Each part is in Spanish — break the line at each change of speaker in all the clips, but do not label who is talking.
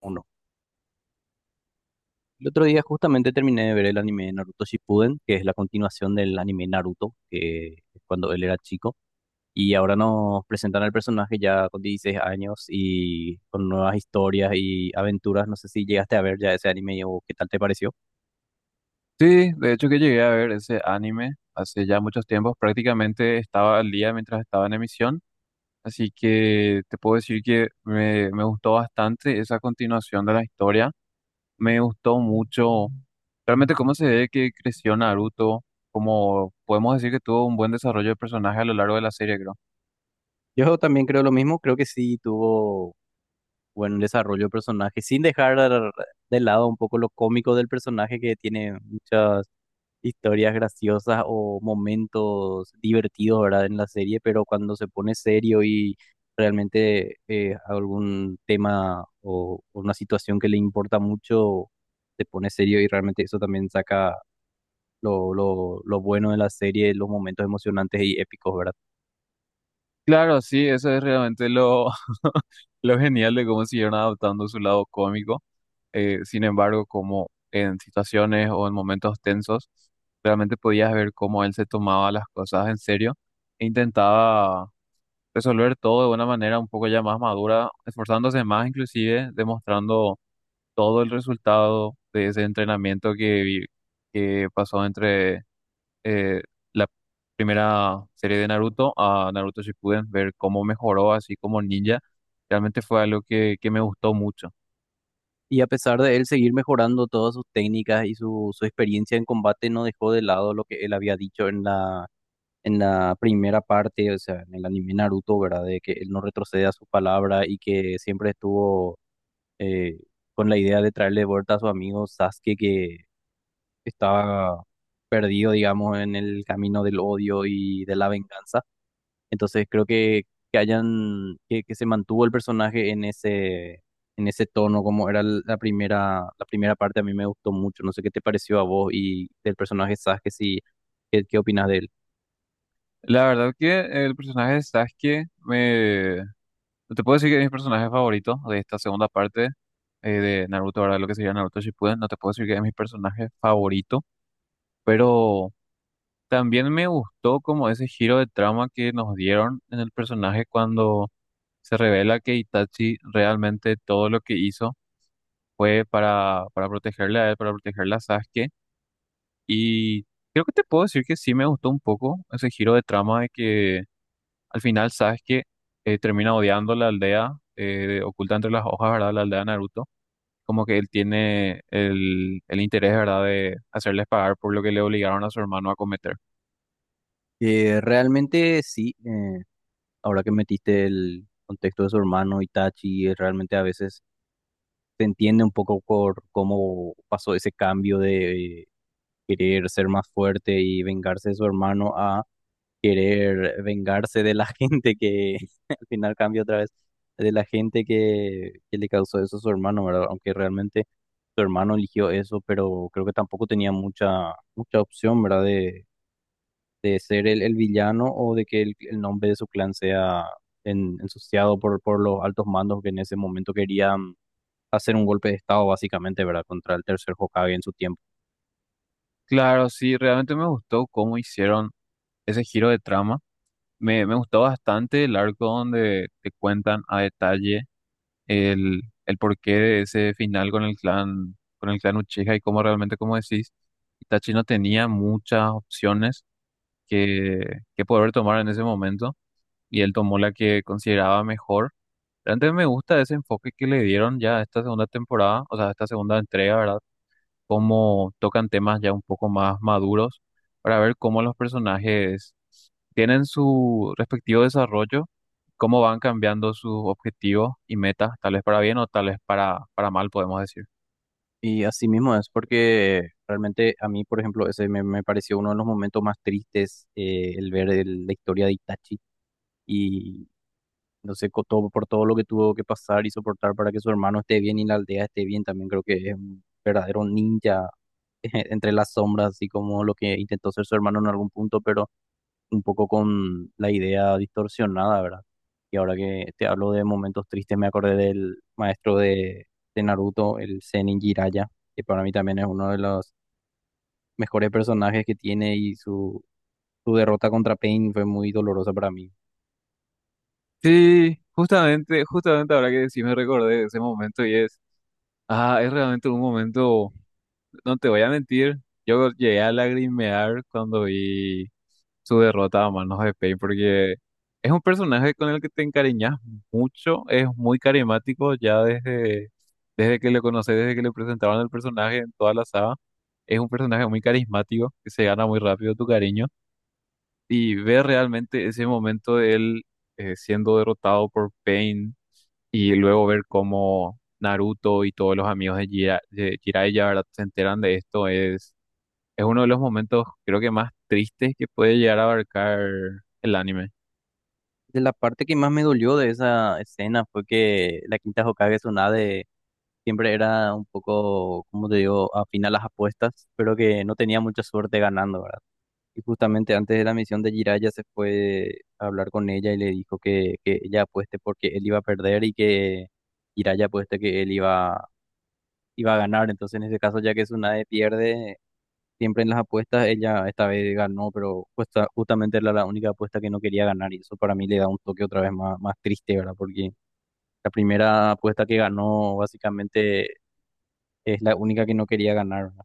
Uno. El otro día justamente terminé de ver el anime de Naruto Shippuden, que es la continuación del anime Naruto, que es cuando él era chico, y ahora nos presentan al personaje ya con 16 años y con nuevas historias y aventuras. No sé si llegaste a ver ya ese anime o qué tal te pareció.
Sí, de hecho que llegué a ver ese anime hace ya muchos tiempos, prácticamente estaba al día mientras estaba en emisión, así que te puedo decir que me gustó bastante esa continuación de la historia, me gustó mucho realmente cómo se ve que creció Naruto, como podemos decir que tuvo un buen desarrollo de personaje a lo largo de la serie, creo.
Yo también creo lo mismo, creo que sí tuvo buen desarrollo de personaje, sin dejar de lado un poco lo cómico del personaje que tiene muchas historias graciosas o momentos divertidos, ¿verdad? En la serie, pero cuando se pone serio y realmente algún tema o una situación que le importa mucho, se pone serio y realmente eso también saca lo bueno de la serie, los momentos emocionantes y épicos, ¿verdad?
Claro, sí, eso es realmente lo, lo genial de cómo siguieron adaptando su lado cómico. Sin embargo, como en situaciones o en momentos tensos, realmente podías ver cómo él se tomaba las cosas en serio e intentaba resolver todo de una manera un poco ya más madura, esforzándose más inclusive, demostrando todo el resultado de ese entrenamiento que pasó entre eh, la primera serie de Naruto a Naruto Shippuden, ver cómo mejoró así como ninja, realmente fue algo que me gustó mucho.
Y a pesar de él seguir mejorando todas sus técnicas y su experiencia en combate, no dejó de lado lo que él había dicho en la primera parte, o sea, en el anime Naruto, ¿verdad? De que él no retrocede a su palabra y que siempre estuvo eh, con la idea de traerle de vuelta a su amigo Sasuke, que estaba perdido, digamos, en el camino del odio y de la venganza. Entonces creo que se mantuvo el personaje en ese tono, como era la primera parte, a mí me gustó mucho. No sé qué te pareció a vos y del personaje Sasuke, si, ¿qué, qué opinas de él?
La verdad que el personaje de Sasuke no te puedo decir que es mi personaje favorito de esta segunda parte de Naruto, ahora lo que sería Naruto Shippuden. No te puedo decir que es mi personaje favorito, pero también me gustó como ese giro de trama que nos dieron en el personaje cuando se revela que Itachi realmente todo lo que hizo fue para protegerle a él, para protegerle a Sasuke. Y creo que te puedo decir que sí me gustó un poco ese giro de trama de que al final, sabes que termina odiando la aldea oculta entre las hojas, ¿verdad? La aldea de Naruto. Como que él tiene el interés, ¿verdad? De hacerles pagar por lo que le obligaron a su hermano a cometer.
Realmente sí, ahora que metiste el contexto de su hermano Itachi, realmente a veces se entiende un poco por cómo pasó ese cambio de querer ser más fuerte y vengarse de su hermano a querer vengarse de la gente que al final cambia otra vez, de la gente que le causó eso a su hermano, ¿verdad? Aunque realmente su hermano eligió eso, pero creo que tampoco tenía mucha opción, ¿verdad? De ser el villano o de que el nombre de su clan sea ensuciado por los altos mandos que en ese momento querían hacer un golpe de estado básicamente, ¿verdad? Contra el tercer Hokage en su tiempo.
Claro, sí, realmente me gustó cómo hicieron ese giro de trama. Me gustó bastante el arco donde te cuentan a detalle el porqué de ese final con el clan, Uchiha y cómo realmente, como decís, Itachi no tenía muchas opciones que, que poder tomar en ese momento y él tomó la que consideraba mejor. Realmente me gusta ese enfoque que le dieron ya a esta segunda temporada, o sea, a esta segunda entrega, ¿verdad? Cómo tocan temas ya un poco más maduros para ver cómo los personajes tienen su respectivo desarrollo, cómo van cambiando sus objetivos y metas, tal vez para bien o tal vez para mal, podemos decir.
Y así mismo es porque realmente a mí, por ejemplo, ese me pareció uno de los momentos más tristes, el ver la historia de Itachi. Y entonces, todo, por todo lo que tuvo que pasar y soportar para que su hermano esté bien y la aldea esté bien, también creo que es un verdadero ninja entre las sombras, así como lo que intentó ser su hermano en algún punto, pero un poco con la idea distorsionada, ¿verdad? Y ahora que te hablo de momentos tristes, me acordé del maestro de Naruto, el Zenin Jiraiya, que para mí también es uno de los mejores personajes que tiene y su derrota contra Pain fue muy dolorosa para mí.
Sí, justamente ahora que sí me recordé de ese momento y es realmente un momento. No te voy a mentir, yo llegué a lagrimear cuando vi su derrota a manos de Pain porque es un personaje con el que te encariñas mucho, es muy carismático ya desde que lo conoces, desde que le presentaban el personaje en toda la saga. Es un personaje muy carismático que se gana muy rápido tu cariño y ver realmente ese momento de él siendo derrotado por Pain y luego ver cómo Naruto y todos los amigos de, Jiraiya, ¿verdad?, se enteran de esto es uno de los momentos, creo, que más tristes que puede llegar a abarcar el anime.
De la parte que más me dolió de esa escena fue que la quinta Hokage Tsunade siempre era un poco, como te digo, afín a las apuestas, pero que no tenía mucha suerte ganando, ¿verdad? Y justamente antes de la misión de Jiraiya se fue a hablar con ella y le dijo que ella apueste porque él iba a perder y que Jiraiya apueste que él iba a ganar. Entonces, en ese caso, ya que Tsunade pierde, siempre en las apuestas ella esta vez ganó, pero justamente era la única apuesta que no quería ganar y eso para mí le da un toque otra vez más, más triste, ¿verdad? Porque la primera apuesta que ganó básicamente es la única que no quería ganar, ¿verdad?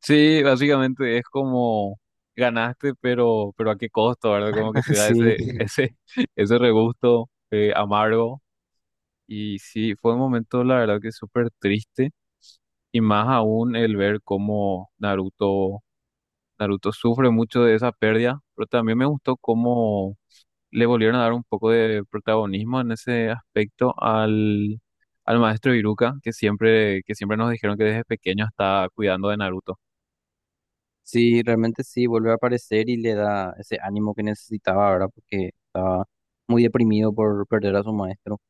Sí, básicamente es como ganaste, pero a qué costo, ¿verdad? Como que te da
Sí,
ese, ese regusto amargo. Y sí, fue un momento, la verdad, que súper triste. Y más aún el ver cómo Naruto sufre mucho de esa pérdida, pero también me gustó cómo le volvieron a dar un poco de protagonismo en ese aspecto al maestro Iruka, que siempre nos dijeron que desde pequeño está cuidando de Naruto.
sí, realmente sí, vuelve a aparecer y le da ese ánimo que necesitaba, ¿verdad? Porque estaba muy deprimido por perder a su maestro,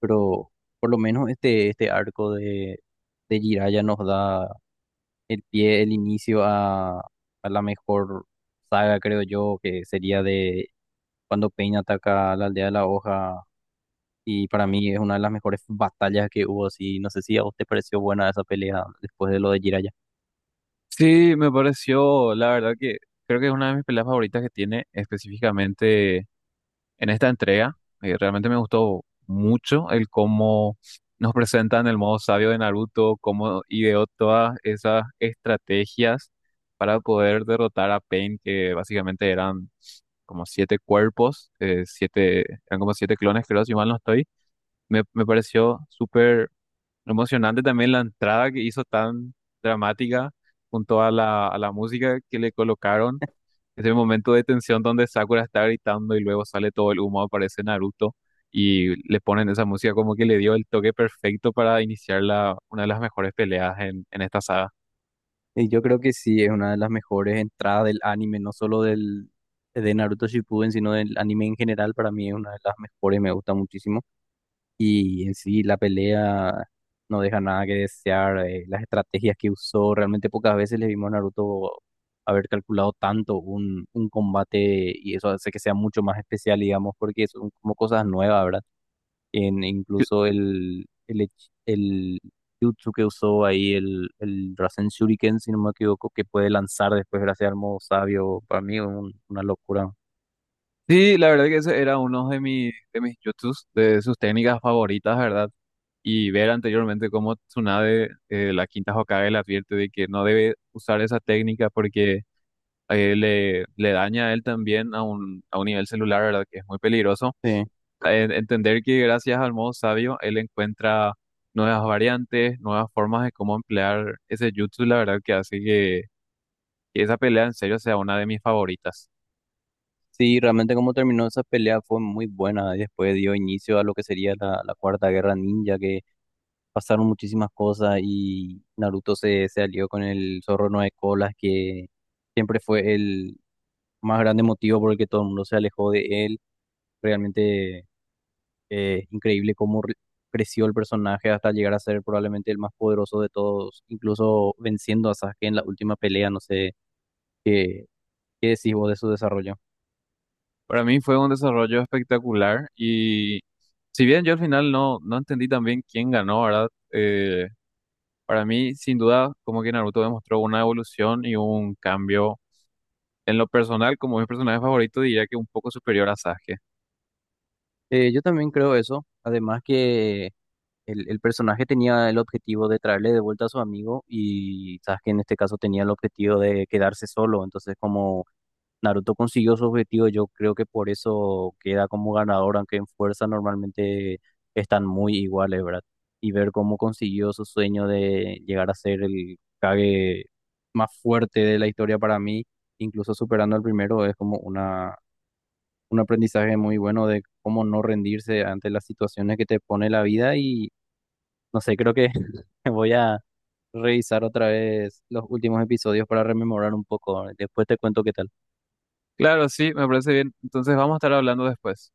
pero por lo menos este, este arco de Jiraiya nos da el pie, el inicio a la mejor saga, creo yo, que sería de cuando Pain ataca a la aldea de la hoja. Y para mí es una de las mejores batallas que hubo, así. No sé si a vos te pareció buena esa pelea después de lo de Jiraiya.
Sí, me pareció, la verdad, que creo que es una de mis peleas favoritas que tiene específicamente en esta entrega. Realmente me gustó mucho el cómo nos presentan el modo sabio de Naruto, cómo ideó todas esas estrategias para poder derrotar a Pain, que básicamente eran como siete cuerpos, eran como siete clones, creo, si mal no estoy. Me pareció súper emocionante también la entrada que hizo tan dramática junto a la música que le colocaron. Ese momento de tensión donde Sakura está gritando y luego sale todo el humo, aparece Naruto y le ponen esa música como que le dio el toque perfecto para iniciar una de las mejores peleas en esta saga.
Y yo creo que sí, es una de las mejores entradas del anime, no solo de Naruto Shippuden, sino del anime en general. Para mí es una de las mejores, me gusta muchísimo. Y en sí la pelea no deja nada que desear. Eh, las estrategias que usó, realmente pocas veces le vimos a Naruto haber calculado tanto un combate y eso hace que sea mucho más especial, digamos, porque son como cosas nuevas, ¿verdad? Incluso el jutsu que usó ahí, el Rasen Shuriken, si no me equivoco, que puede lanzar después gracias al modo sabio, para mí es una locura.
Sí, la verdad que ese era uno de mis jutsus, de sus técnicas favoritas, ¿verdad? Y ver anteriormente cómo Tsunade, la quinta Hokage, le advierte de que no debe usar esa técnica porque le daña a él también a un nivel celular, ¿verdad? Que es muy peligroso.
Sí.
Entender que gracias al modo sabio, él encuentra nuevas variantes, nuevas formas de cómo emplear ese jutsu, la verdad que hace que esa pelea en serio sea una de mis favoritas.
Sí, realmente como terminó esa pelea fue muy buena. Y después dio inicio a lo que sería la Cuarta Guerra Ninja, que pasaron muchísimas cosas y Naruto se alió con el Zorro Nueve Colas, que siempre fue el más grande motivo por el que todo el mundo se alejó de él. Realmente increíble cómo creció el personaje hasta llegar a ser probablemente el más poderoso de todos, incluso venciendo a Sasuke en la última pelea. No sé qué, qué decís vos de su desarrollo.
Para mí fue un desarrollo espectacular y si bien yo al final no, no entendí también quién ganó, ¿verdad? Para mí, sin duda, como que Naruto demostró una evolución y un cambio en lo personal, como mi personaje favorito, diría que un poco superior a Sasuke.
Yo también creo eso. Además que el personaje tenía el objetivo de traerle de vuelta a su amigo y Sasuke en este caso tenía el objetivo de quedarse solo. Entonces, como Naruto consiguió su objetivo, yo creo que por eso queda como ganador, aunque en fuerza normalmente están muy iguales, ¿verdad? Y ver cómo consiguió su sueño de llegar a ser el Kage más fuerte de la historia para mí, incluso superando al primero, es como una, un aprendizaje muy bueno de cómo no rendirse ante las situaciones que te pone la vida y no sé, creo que voy a revisar otra vez los últimos episodios para rememorar un poco. Después te cuento qué tal.
Claro, sí, me parece bien. Entonces vamos a estar hablando después.